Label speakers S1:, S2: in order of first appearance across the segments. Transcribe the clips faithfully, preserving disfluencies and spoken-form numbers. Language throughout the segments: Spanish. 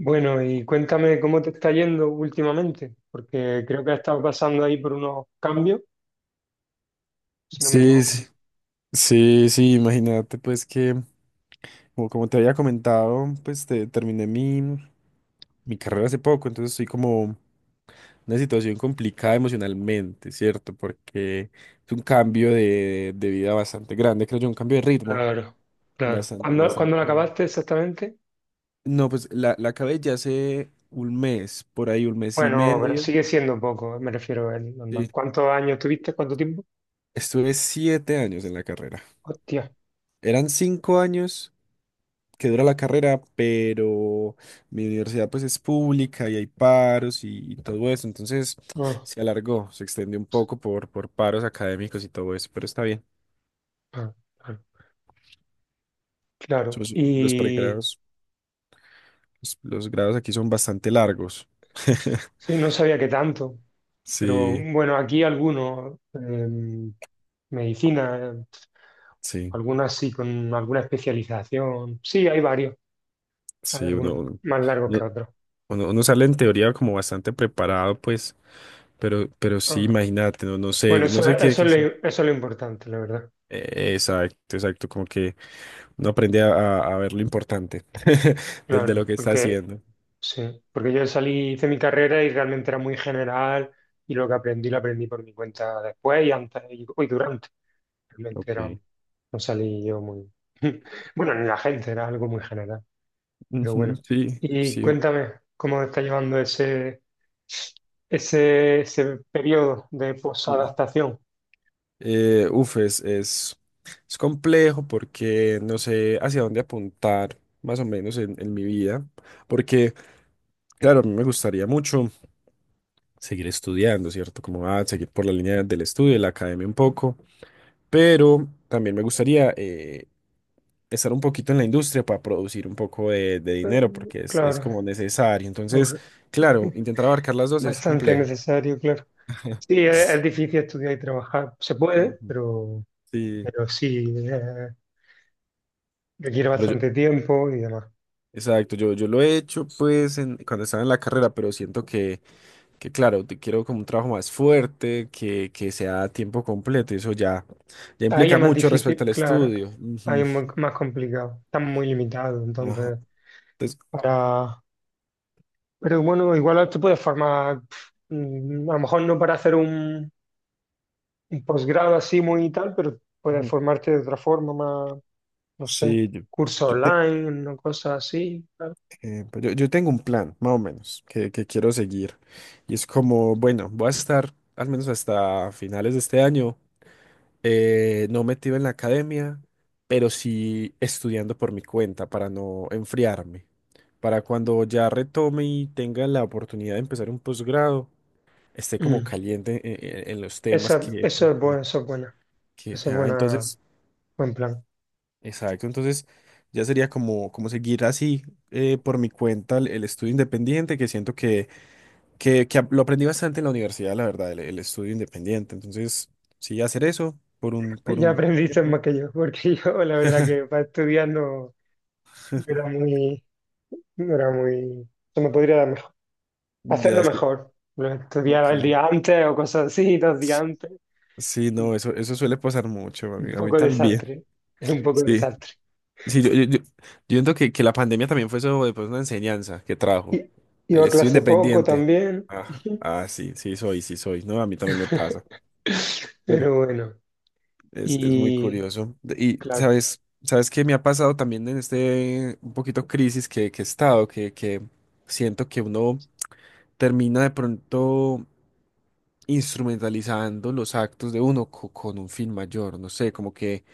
S1: Bueno, y cuéntame cómo te está yendo últimamente, porque creo que has estado pasando ahí por unos cambios, si no me
S2: Sí,
S1: equivoco.
S2: sí, sí, sí, imagínate pues que, como, como te había comentado, pues te- terminé mi, mi carrera hace poco, entonces estoy como en una situación complicada emocionalmente, ¿cierto? Porque es un cambio de, de vida bastante grande, creo yo, un cambio de ritmo
S1: Claro, claro.
S2: bastante,
S1: ¿Cuándo, cuándo lo
S2: bastante grande.
S1: acabaste exactamente?
S2: No, pues la, la acabé ya hace un mes, por ahí un mes y
S1: Bueno, pero
S2: medio.
S1: sigue siendo poco, me refiero al normal.
S2: Sí.
S1: ¿Cuántos años tuviste? ¿Cuánto tiempo?
S2: Estuve siete años en la carrera.
S1: Hostia.
S2: Eran cinco años que dura la carrera, pero mi universidad pues es pública y hay paros y, y todo eso, entonces
S1: Ah,
S2: se alargó, se extendió un poco por, por paros académicos y todo eso, pero está bien.
S1: ah, claro. Claro.
S2: Sus- los
S1: Y
S2: pregrados, los, los grados aquí son bastante largos.
S1: sí, no sabía que tanto, pero
S2: Sí,
S1: bueno, aquí algunos, em, medicina, eh,
S2: sí,
S1: algunas sí, con alguna especialización. Sí, hay varios. Hay
S2: sí, uno,
S1: algunos
S2: uno,
S1: más largos
S2: uno-
S1: que otros.
S2: uno- uno sale en teoría como bastante preparado, pues, pero, pero sí,
S1: Ah.
S2: imagínate, no, no sé,
S1: Bueno,
S2: no
S1: eso,
S2: sé qué,
S1: eso
S2: qué
S1: es lo,
S2: hacer.
S1: eso es lo importante, la verdad.
S2: Eh, Exacto, exacto, como que no aprende a, a- a ver lo importante de, de lo
S1: Claro,
S2: que está
S1: porque
S2: haciendo.
S1: sí, porque yo salí, hice mi carrera y realmente era muy general y lo que aprendí lo aprendí por mi cuenta después y antes y, y durante. Realmente era,
S2: Ok.
S1: no salí yo muy… Bueno, ni la gente, era algo muy general, pero
S2: Ujú,
S1: bueno.
S2: Sí,
S1: Y
S2: sí.
S1: cuéntame, ¿cómo está llevando ese, ese, ese periodo de
S2: Mm.
S1: posadaptación?
S2: Eh, uf, es, es, es complejo porque no sé hacia dónde apuntar, más o menos en, en mi vida, porque, claro, a mí me gustaría mucho seguir estudiando, ¿cierto? Como ah, seguir por la línea del estudio, de la academia un poco, pero también me gustaría eh, estar un poquito en la industria para producir un poco de, de dinero,
S1: Eh,
S2: porque es, es como
S1: Claro.
S2: necesario. Entonces, claro, intentar abarcar las dos es
S1: Bastante
S2: complejo.
S1: necesario, claro. Sí, es, es difícil estudiar y trabajar. Se puede,
S2: Ujú.
S1: pero,
S2: Sí,
S1: pero sí, eh, requiere
S2: claro yo,
S1: bastante tiempo y demás.
S2: exacto, yo, yo lo he hecho pues en, cuando estaba en la carrera, pero siento que, que claro, te quiero como un trabajo más fuerte, que, que sea a tiempo completo, y eso ya, ya
S1: Ahí es
S2: implica
S1: más
S2: mucho respecto
S1: difícil,
S2: al
S1: claro.
S2: estudio.
S1: Ahí
S2: Ujú.
S1: es muy- más complicado. Están muy limitados,
S2: Ajá.
S1: entonces,
S2: Entonces,
S1: para… Pero bueno, igual te puedes formar, pf, mm, a lo mejor no para hacer un, un posgrado así muy y tal, pero puedes
S2: ujú.
S1: formarte de otra forma, más, no sé,
S2: sí, yo,
S1: curso
S2: yo te-
S1: online, una cosa así.
S2: Eh, pues yo, yo tengo un plan, más o menos, que, que quiero seguir. Y es como, bueno, voy a estar al menos hasta finales de este año, eh, no metido en la academia, pero sí estudiando por mi cuenta para no enfriarme. Para cuando ya retome y tenga la oportunidad de empezar un posgrado, esté como
S1: Mm.
S2: caliente en, en- en los temas
S1: Esa,
S2: que,
S1: eso es bueno,
S2: que,
S1: eso es buena.
S2: que-
S1: Eso es
S2: ah,
S1: buena.
S2: entonces,
S1: Buen plan.
S2: exacto, entonces ya sería como, como seguir así eh, por mi cuenta el el estudio independiente, que siento que que, que lo aprendí bastante en la universidad, la verdad, el, el estudio independiente. Entonces, sí, hacer eso por un,
S1: Pues
S2: por
S1: ya
S2: un
S1: aprendiste
S2: tiempo.
S1: más que yo, porque yo la verdad que para estudiar no, no era muy, no era muy, se me podría dar mejor.
S2: Ya
S1: Hacerlo
S2: es que,
S1: mejor. Lo estudiaba el
S2: ok.
S1: día antes o cosas así, dos días antes.
S2: Sí, no, eso, eso suele pasar mucho, a
S1: Un
S2: mí, a mí
S1: poco
S2: también.
S1: desastre. Es un poco
S2: Sí,
S1: desastre.
S2: sí, yo, yo, yo- yo siento que, que la pandemia también fue eso, pues, una enseñanza que trajo.
S1: Y, iba
S2: El
S1: a
S2: estudio
S1: clase poco
S2: independiente.
S1: también.
S2: Ah, ah, sí, sí soy, sí soy. No, a mí también me pasa.
S1: Pero bueno.
S2: Es, es muy
S1: Y
S2: curioso. De- Y
S1: claro,
S2: sabes, sabes que me ha pasado también en este un poquito crisis que, que he estado, que, que siento que uno termina de pronto instrumentalizando los actos de uno co- con un fin mayor. No sé, como que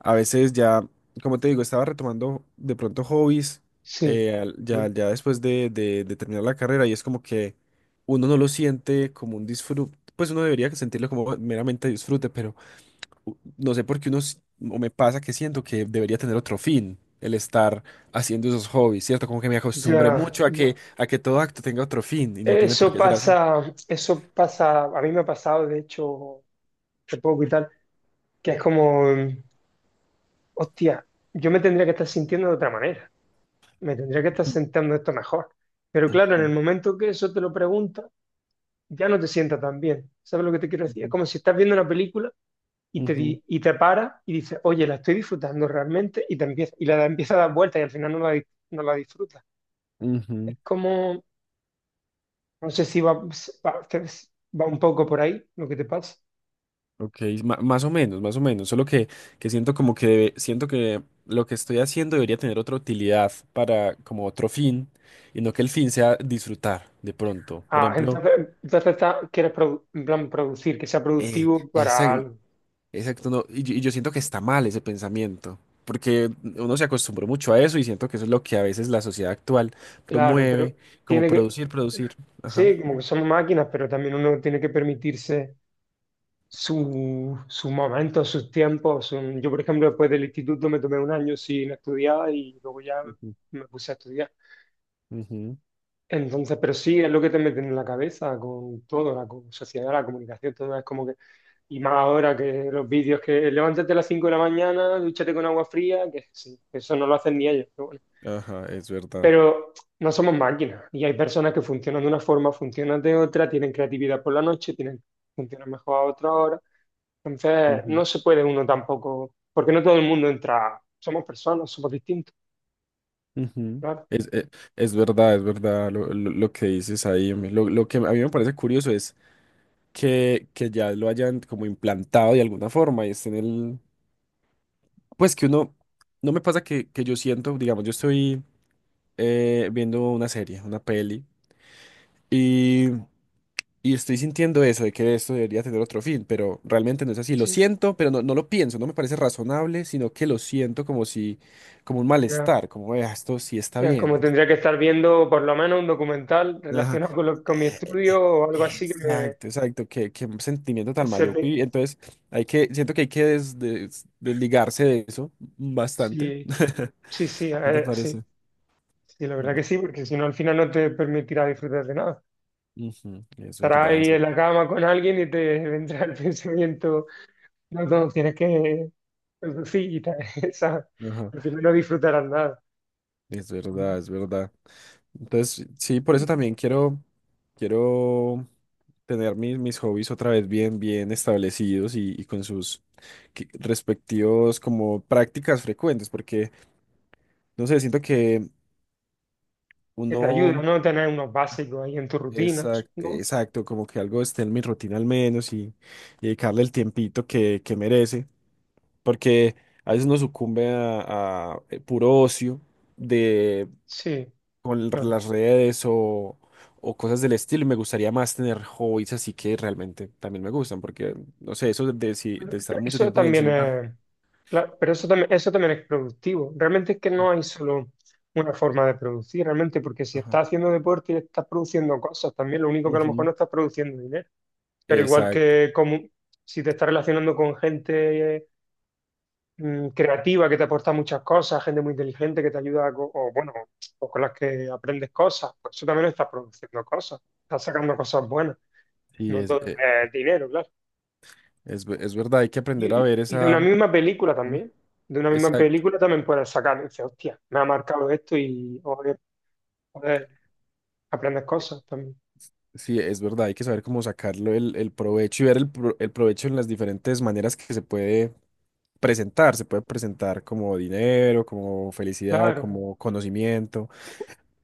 S2: a veces ya, como te digo, estaba retomando de pronto hobbies
S1: sí.
S2: eh, al- ya, ya después de, de, de terminar la carrera y es como que uno no lo siente como un disfrute. Pues uno debería sentirlo como meramente disfrute, no sé por qué uno, s- o me pasa que siento que debería tener otro fin el estar haciendo esos hobbies, ¿cierto? Como que me acostumbré
S1: Ya,
S2: mucho a que, a que todo acto tenga otro fin y no tiene por
S1: eso
S2: qué ser así.
S1: pasa, eso pasa, a mí me ha pasado de hecho hace poco y tal, que es como hostia, yo me tendría que estar sintiendo de otra manera, me tendría que estar sintiendo esto mejor. Pero claro, en el
S2: Ujú,
S1: momento que eso te lo pregunta, ya no te sienta tan bien. ¿Sabes lo que te quiero decir? Es
S2: ujú,
S1: como si estás viendo una película y te,
S2: ujú,
S1: di- y te paras y dices, oye, la estoy disfrutando realmente y te empieza, y la empieza a dar vueltas y al final no la, di- no la disfrutas. Es
S2: ujú.
S1: como, no sé si va, va, va un poco por ahí lo que te pasa.
S2: Ok, ma- más o menos, más o menos, solo que, que siento como que debe- siento que lo que estoy haciendo debería tener otra utilidad para como otro fin y no que el fin sea disfrutar de pronto. Por
S1: Ah,
S2: ejemplo,
S1: entonces, entonces está- quieres produ- en plan producir, que sea
S2: eh,
S1: productivo
S2: esa-
S1: para algo,
S2: exacto, no, y, yo y yo siento que está mal ese pensamiento, porque uno se acostumbró mucho a eso y siento que eso es lo que a veces la sociedad actual
S1: claro,
S2: promueve,
S1: pero
S2: como
S1: tiene que…
S2: producir, producir. Ajá.
S1: Sí, como que somos máquinas, pero también uno tiene que permitirse su- sus momentos, sus tiempos. su- Yo, por ejemplo, después del instituto me tomé un año sin estudiar y luego ya
S2: Ujú,
S1: me puse a estudiar.
S2: ujú.
S1: Entonces, pero sí, es lo que te meten en la cabeza con todo, la co- sociedad, la comunicación, todo es como que… Y más ahora que los vídeos que levántate a las cinco de la mañana, dúchate con agua fría, que sí, eso no lo hacen ni ellos.
S2: Ajá, es verdad.
S1: Pero no somos máquinas y hay personas que funcionan de una forma, funcionan de otra, tienen creatividad por la noche, tienen, funcionan mejor a otra hora. Entonces,
S2: Ujú,
S1: no se puede uno tampoco, porque no todo el mundo entra. Somos personas, somos distintos,
S2: ujú.
S1: claro.
S2: Es, e- es verdad, es verdad lo, lo- lo que dices ahí. Hombre. Lo, lo que a mí me parece curioso es que, que ya lo hayan como implantado de alguna forma y esté en el... Pues que uno... No me pasa que, que yo siento, digamos, yo estoy eh, viendo una serie, una peli. Y, y estoy sintiendo eso, de que esto debería tener otro fin, pero realmente no es así. Lo
S1: Sí,
S2: siento, pero no, no lo pienso, no me parece razonable, sino que lo siento como si, como un
S1: ya.
S2: malestar, como "Eh, esto sí está
S1: Ya, como
S2: bien.
S1: tendría que estar viendo por lo menos un documental
S2: Ajá.
S1: relacionado con, lo- con mi
S2: Eh, eh,
S1: estudio o algo así que me…
S2: Exacto, exacto, qué, qué sentimiento tan
S1: se
S2: maluco.
S1: ve-
S2: Y entonces hay que, siento que hay que des- des- desligarse de eso bastante.
S1: sí, sí, sí,
S2: ¿No te
S1: eh, sí,
S2: parece?
S1: sí, la verdad que
S2: Uy,
S1: sí, porque si no al final no te permitirá disfrutar de nada.
S2: ujú, es
S1: Estarás
S2: verdad, es
S1: ahí en
S2: ver-
S1: la cama con alguien y te vendrá el pensamiento, no, no, tienes que producir y tal, ¿sabes?
S2: ajá,
S1: Al final no disfrutarás nada.
S2: es verdad, es verdad. Entonces, sí, por
S1: Y
S2: eso también quiero, quiero tener mis, mis hobbies otra vez bien, bien establecidos y, y con sus que- respectivos como prácticas frecuentes, porque, no sé, siento que
S1: que te ayuda,
S2: uno
S1: ¿no? Tener unos básicos ahí en tus
S2: es
S1: rutinas, ¿no?
S2: exacto, como que algo esté en mi rutina al menos y, y dedicarle el tiempito que, que merece, porque a veces uno sucumbe a, a, eh, puro ocio
S1: Sí,
S2: con
S1: claro.
S2: las redes o, o cosas del estilo. Y me gustaría más tener hobbies así que realmente también me gustan, porque, no sé, eso de, si- de estar
S1: Pero
S2: mucho
S1: eso
S2: tiempo en el
S1: también
S2: celular.
S1: es, claro, pero eso también, eso también es productivo. Realmente es que no hay solo una forma de producir, realmente, porque si
S2: Ajá.
S1: estás haciendo deporte y estás produciendo cosas, también lo único que a lo mejor
S2: Ujú.
S1: no estás produciendo dinero. Pero igual
S2: Exacto,
S1: que como, si te estás relacionando con gente mm, creativa que te aporta muchas cosas, gente muy inteligente que te ayuda, co- o bueno, o con las que aprendes cosas, pues eso también estás produciendo cosas, estás sacando cosas buenas,
S2: sí,
S1: no
S2: es,
S1: todo
S2: eh,
S1: es dinero, claro.
S2: es, ve- es verdad, hay que
S1: Y,
S2: aprender a
S1: y-
S2: ver
S1: y de
S2: esa,
S1: una misma película
S2: Dime.
S1: también, de una misma
S2: Exacto,
S1: película también puedes sacar, dices, hostia, me ha marcado esto y o, eh, puedes aprender cosas también.
S2: sí, es verdad, hay que saber cómo sacarlo el, el provecho y ver el, pro- el provecho en las diferentes maneras que se puede presentar, se puede presentar como dinero, como felicidad,
S1: Claro,
S2: como conocimiento.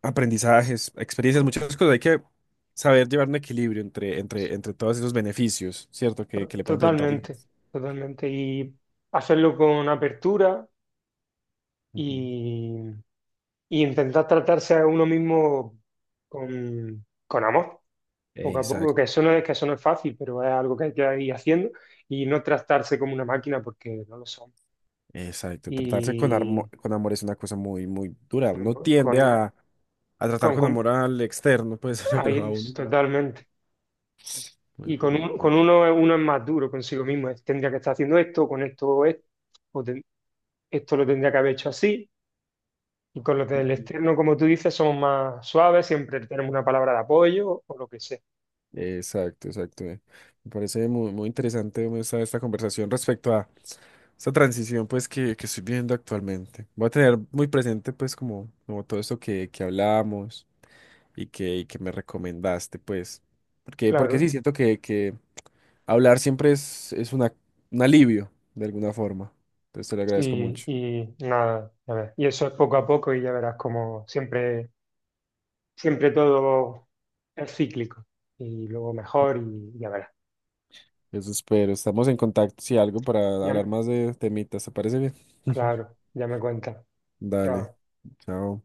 S2: Aprendizajes, experiencias,
S1: co-
S2: muchas cosas. Hay que saber llevar un equilibrio entre, entre, entre todos esos beneficios, ¿cierto? Que,
S1: to-
S2: que le pueden presentar
S1: totalmente,
S2: diferentes.
S1: totalmente. Y hacerlo con apertura
S2: Ujú.
S1: y, y intentar tratarse a uno mismo con, con amor, poco a poco, que
S2: Exacto,
S1: eso no es, que eso no es fácil, pero es algo que hay que ir haciendo y no tratarse como una máquina porque no lo son.
S2: exacto. Tratarse con,
S1: Y
S2: armo- con amor es una cosa muy, muy dura. Uno
S1: con,
S2: tiende a, a tratar
S1: con,
S2: con
S1: con-
S2: amor al externo, pues, pero
S1: ahí
S2: a
S1: es,
S2: uno.
S1: totalmente.
S2: Muy,
S1: Y
S2: fu-
S1: con,
S2: muy,
S1: un-
S2: full.
S1: con uno, uno es más duro consigo mismo, es, tendría que estar haciendo esto, con esto esto, o ten- esto lo tendría que haber hecho así. Y con los del externo, como tú dices, somos más suaves, siempre tenemos una palabra de apoyo o lo que sea.
S2: Exacto, exacto. Me me parece muy, muy interesante como esta, esta conversación respecto a esta transición pues que, que estoy viviendo actualmente. Voy a tener muy presente pues como, como todo esto que, que hablábamos y que, y que me recomendaste pues. Porque, porque sí,
S1: Claro,
S2: siento que, que hablar siempre es, es una, un alivio de alguna forma. Entonces te lo agradezco
S1: Y,
S2: mucho.
S1: y nada, ya ves. Y eso es poco a poco y ya verás como siempre, siempre todo es cíclico y luego mejor y ya verás.
S2: Eso espero. Estamos en contacto si algo para hablar
S1: Ya-
S2: más de temitas. ¿Te parece bien?
S1: claro, ya me cuenta.
S2: Dale.
S1: Chao.
S2: Chao.